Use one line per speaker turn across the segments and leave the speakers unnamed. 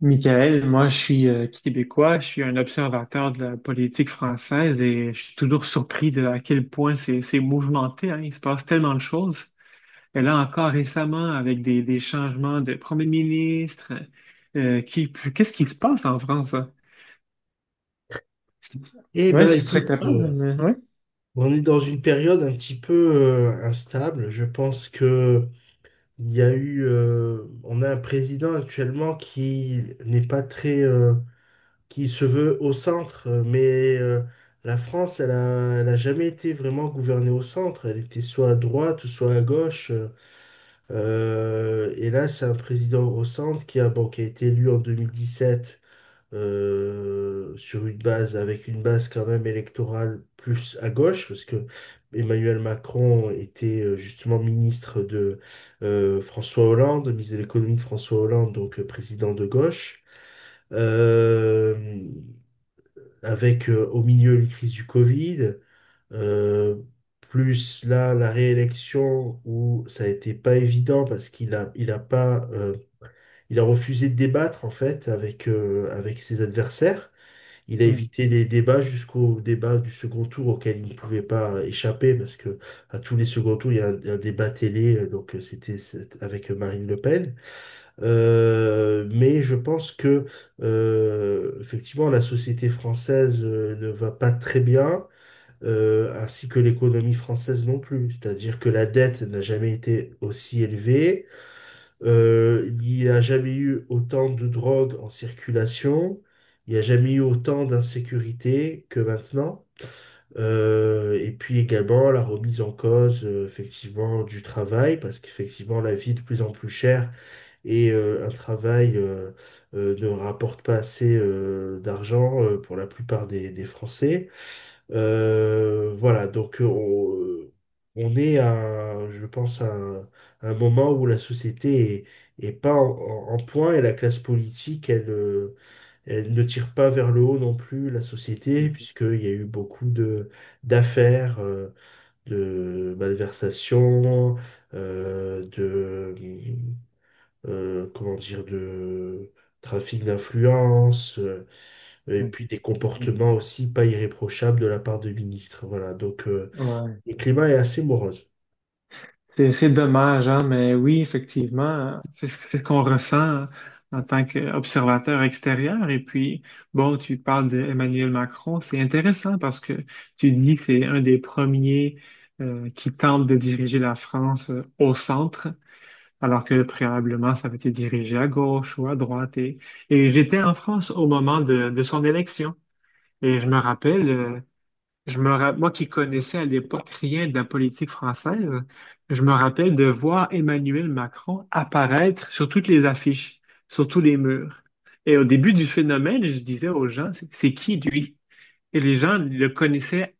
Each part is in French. Michael, moi je suis québécois, je suis un observateur de la politique française et je suis toujours surpris de à quel point c'est mouvementé, hein. Il se passe tellement de choses. Et là encore récemment, avec des changements de premier ministre, qu'est-ce qui se passe en France, hein?
Eh
Ouais,
ben,
est-ce que tu serais
écoute,
capable de me- ouais.
on est dans une période un petit peu instable. Je pense que il y a eu, on a un président actuellement qui n'est pas très, qui se veut au centre, mais la France, elle a jamais été vraiment gouvernée au centre. Elle était soit à droite ou soit à gauche. Et là, c'est un président au centre bon, qui a été élu en 2017, avec une base quand même électorale plus à gauche, parce que Emmanuel Macron était justement ministre de François Hollande, ministre de l'économie de François Hollande, donc président de gauche, Euh, avec, au milieu, une crise du Covid, euh, plus là la réélection où ça a été pas évident parce qu'il a, il a pas, il a refusé de débattre en fait avec ses adversaires. Il a évité les débats jusqu'au débat du second tour auquel il ne pouvait pas échapper parce que à tous les seconds tours, il y a un débat télé, donc avec Marine Le Pen. Mais je pense que effectivement, la société française ne va pas très bien, ainsi que l'économie française non plus. C'est-à-dire que la dette n'a jamais été aussi élevée. Il n'y a jamais eu autant de drogue en circulation, il n'y a jamais eu autant d'insécurité que maintenant. Et puis également la remise en cause, effectivement, du travail, parce qu'effectivement la vie est de plus en plus chère et un travail, ne rapporte pas assez d'argent pour la plupart des Français. Voilà, donc on est à, je pense, à un moment où la société est pas en point, et la classe politique, elle, elle ne tire pas vers le haut non plus la société, puisqu'il y a eu beaucoup de d'affaires, de malversations, euh, de, comment dire, de trafic d'influence. Et puis des
Mm.
comportements aussi pas irréprochables de la part de ministres. Voilà, donc
Ouais.
le climat est assez morose.
C'est dommage, hein, mais oui, effectivement, c'est ce qu'on ressent en tant qu'observateur extérieur. Et puis, bon, tu parles d'Emmanuel Macron, c'est intéressant parce que tu dis que c'est un des premiers qui tente de diriger la France au centre, alors que préalablement, ça avait été dirigé à gauche ou à droite. Et j'étais en France au moment de son élection. Et je me rappelle, moi qui connaissais à l'époque rien de la politique française, je me rappelle de voir Emmanuel Macron apparaître sur toutes les affiches, sur tous les murs. Et au début du phénomène, je disais aux gens, c'est qui lui? Et les gens le connaissaient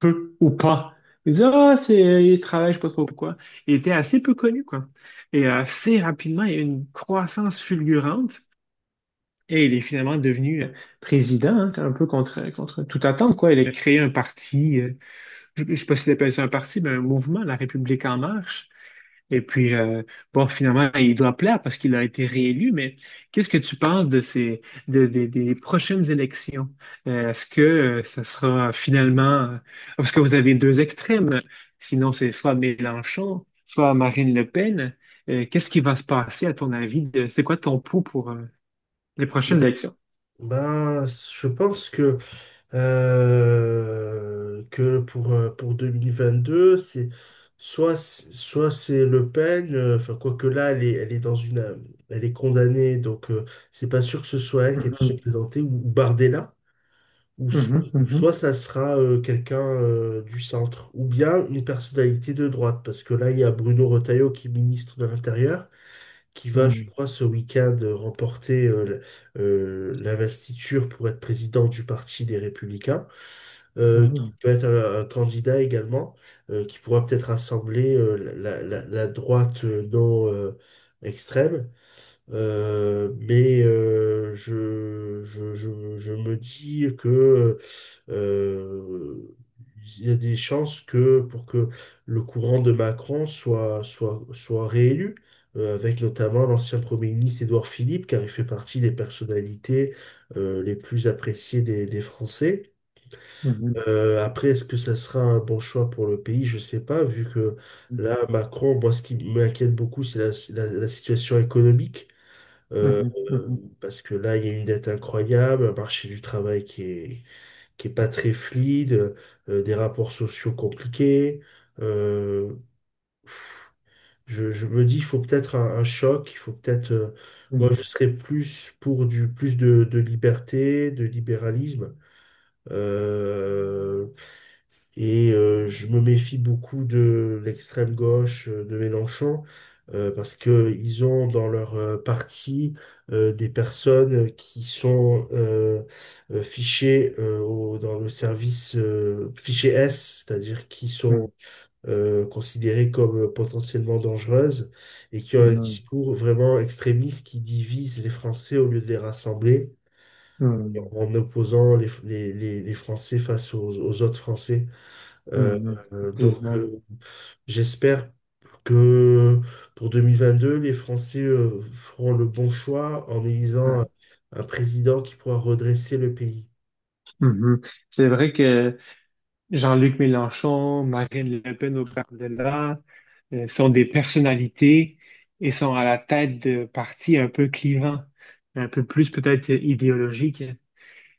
peu ou pas. Ils disaient, ah, c'est, il travaille, je sais pas trop pourquoi. Il était assez peu connu, quoi. Et assez rapidement, il y a eu une croissance fulgurante. Et il est finalement devenu président, hein, un peu contre toute attente, quoi. Il a créé un parti. Je ne sais pas si appelle ça un parti, mais un mouvement, La République en marche. Et puis, bon, finalement, il doit plaire parce qu'il a été réélu, mais qu'est-ce que tu penses de ces, de- des prochaines élections? Est-ce que Ça sera finalement, parce que vous avez deux extrêmes, sinon c'est soit Mélenchon, soit Marine Le Pen. Qu'est-ce qui va se passer à ton avis de, c'est quoi ton pouls pour les prochaines
Bon,
élections?
ben, je pense que pour 2022, soit c'est Le Pen, enfin, quoique là, elle est, elle est condamnée, donc c'est pas sûr que ce soit elle qui ait pu se
Mhm,
présenter, ou Bardella. Ou, s-
mhm,
ou
mhm,
soit ça sera quelqu'un du centre, ou bien une personnalité de droite, parce que là, il y a Bruno Retailleau qui est ministre de l'Intérieur, qui va, je
mhm,
crois, ce week-end remporter l'investiture pour être président du Parti des Républicains, qui peut être un candidat également, qui pourra peut-être rassembler, la droite non extrême. Mais je me dis que euh, il y a des chances que pour que le courant de Macron soit réélu, avec notamment l'ancien Premier ministre Édouard Philippe, car il fait partie des personnalités les plus appréciées des Français.
mhm,
Après, est-ce que ça sera un bon choix pour le pays? Je sais pas, vu que là, Macron, moi, ce qui m'inquiète beaucoup, c'est la situation économique.
mhm,
Euh,
mhm,
euh,
mhm,
parce que là, il y a une dette incroyable, un marché du travail qui est pas très fluide, des rapports sociaux compliqués. Euh, je me dis, il faut peut-être un choc, il faut peut-être. Moi, je
mhm,
serais plus pour du plus de liberté, de libéralisme. Euh, et je me méfie beaucoup de l'extrême gauche, de Mélenchon, parce que ils ont dans leur parti des personnes qui sont, fichées, dans le service fiché S, c'est-à-dire qui sont
mhm.
considérées comme potentiellement dangereuses, et qui ont un
Mhm.
discours vraiment extrémiste qui divise les Français au lieu de les rassembler,
Mhm.
en opposant les Français face aux autres Français. Euh,
Mhm.
euh, donc,
Effectivement.
euh, j'espère que pour 2022, les Français feront le bon choix en
Ouais.
élisant un président qui pourra redresser le pays.
Mhm. C'est vrai que Jean-Luc Mélenchon, Marine Le Pen au par-delà sont des personnalités et sont à la tête de partis un peu clivants, un peu plus peut-être idéologiques.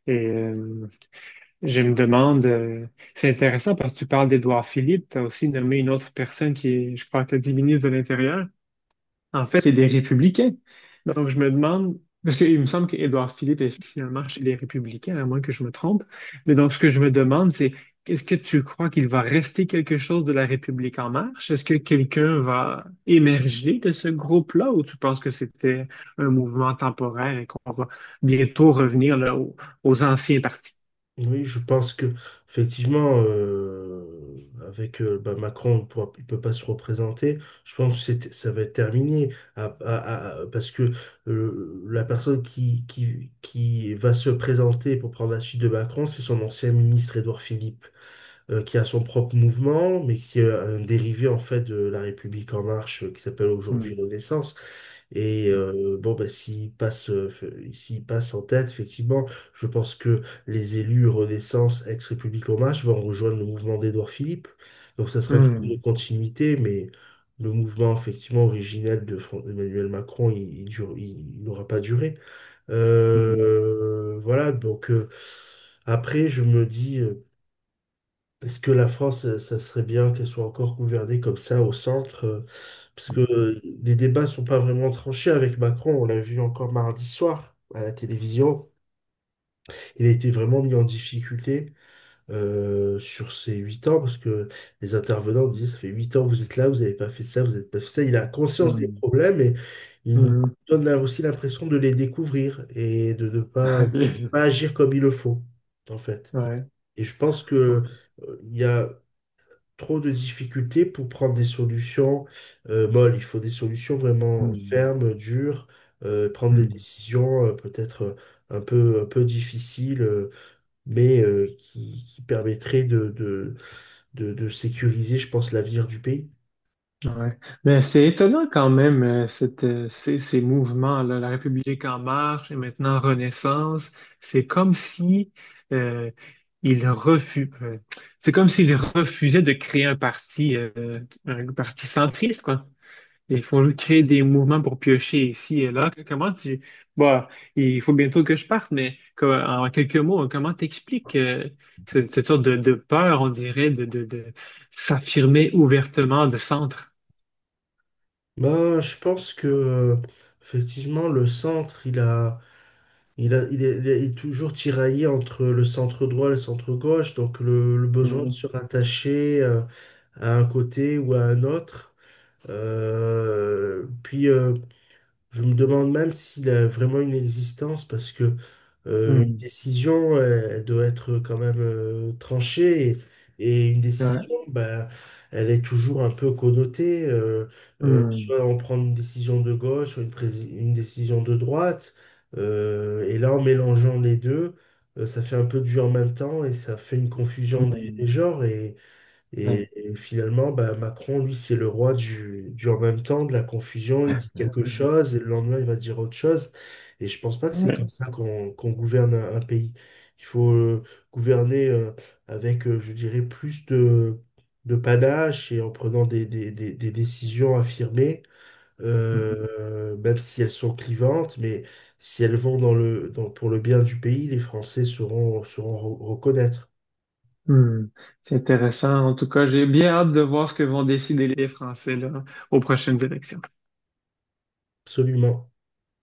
Et je me demande, c'est intéressant parce que tu parles d'Édouard Philippe, tu as aussi nommé une autre personne qui est, je crois, tu as dit ministre de l'Intérieur. En fait, c'est des républicains. Donc, je me demande, parce qu'il me semble qu'Édouard Philippe est finalement chez les républicains, à moins que je me trompe. Mais donc, ce que je me demande, c'est est-ce que tu crois qu'il va rester quelque chose de la République en marche? Est-ce que quelqu'un va émerger de ce groupe-là ou tu penses que c'était un mouvement temporaire et qu'on va bientôt revenir aux anciens partis?
Oui, je pense que effectivement, avec, bah, Macron, il ne peut pas se représenter. Je pense que ça va être terminé, parce que la personne qui va se présenter pour prendre la suite de Macron, c'est son ancien ministre Édouard Philippe, qui a son propre mouvement, mais qui est un dérivé en fait de La République en marche, qui s'appelle aujourd'hui
Hmm.
Renaissance. Et bon, ben, s'il passe en tête, effectivement, je pense que les élus Renaissance, ex-République en marche, vont rejoindre le mouvement d'Édouard Philippe. Donc, ça sera une forme de
Hmm.
continuité, mais le mouvement, effectivement, originel de Emmanuel Macron, il n'aura pas duré.
Hmm.
Voilà, donc après, je me dis, parce que la France, ça serait bien qu'elle soit encore gouvernée comme ça au centre? Parce que les débats sont pas vraiment tranchés avec Macron. On l'a vu encore mardi soir à la télévision. Il a été vraiment mis en difficulté sur ces 8 ans, parce que les intervenants disaient, ça fait 8 ans, vous êtes là, vous n'avez pas fait ça, vous n'avez pas fait ça. Il a conscience des
Hmm.
problèmes et il nous
Hmm. Hmm.
donne là aussi l'impression de les découvrir et de pas agir comme il le faut, en fait.
Ouais.
Et je pense que il y a trop de difficultés pour prendre des solutions, molles. Il faut des solutions vraiment
Hmm.
fermes, dures, prendre des
Hmm.
décisions, peut-être, un peu difficiles, mais qui permettraient de sécuriser, je pense, l'avenir du pays.
Ouais. Mais c'est étonnant quand même, ces mouvements-là, La République en marche et maintenant Renaissance, c'est comme si euh, ils refu- euh, c'est comme s'ils refusaient de créer un parti centriste, quoi. Il faut créer des mouvements pour piocher ici et là. Comment tu... Bon, il faut bientôt que je parte, mais en quelques mots, comment t'expliques cette sorte de peur, on dirait, de s'affirmer ouvertement de centre?
Ben, je pense que effectivement le centre il a il a il est, il est- il est toujours tiraillé entre le centre droit et le centre gauche. Donc le besoin de
Hmm
se rattacher, à un côté ou à un autre. Puis, je me demande même s'il a vraiment une existence, parce que une
hmm
décision, elle, elle doit être quand même, tranchée, et une
ouais,
décision, ben, elle est toujours un peu connotée. euh, euh,
hmm
soit on prend une décision de gauche ou une décision de droite. Et là, en mélangeant les deux, ça fait un peu du en même temps et ça fait une confusion des
hmm
genres.
ouais.
Et finalement, bah, Macron, lui, c'est le roi du en même temps, de la confusion. Il dit quelque chose et le lendemain, il va dire autre chose. Et je pense pas que c'est comme ça qu'on gouverne un pays. Il faut, gouverner, avec, je dirais, plus de panache, et en prenant des décisions affirmées,
Ouais.
même si elles sont clivantes, mais si elles vont pour le bien du pays, les Français sauront reconnaître.
Hmm, c'est intéressant. En tout cas, j'ai bien hâte de voir ce que vont décider les Français là, aux prochaines élections.
Absolument.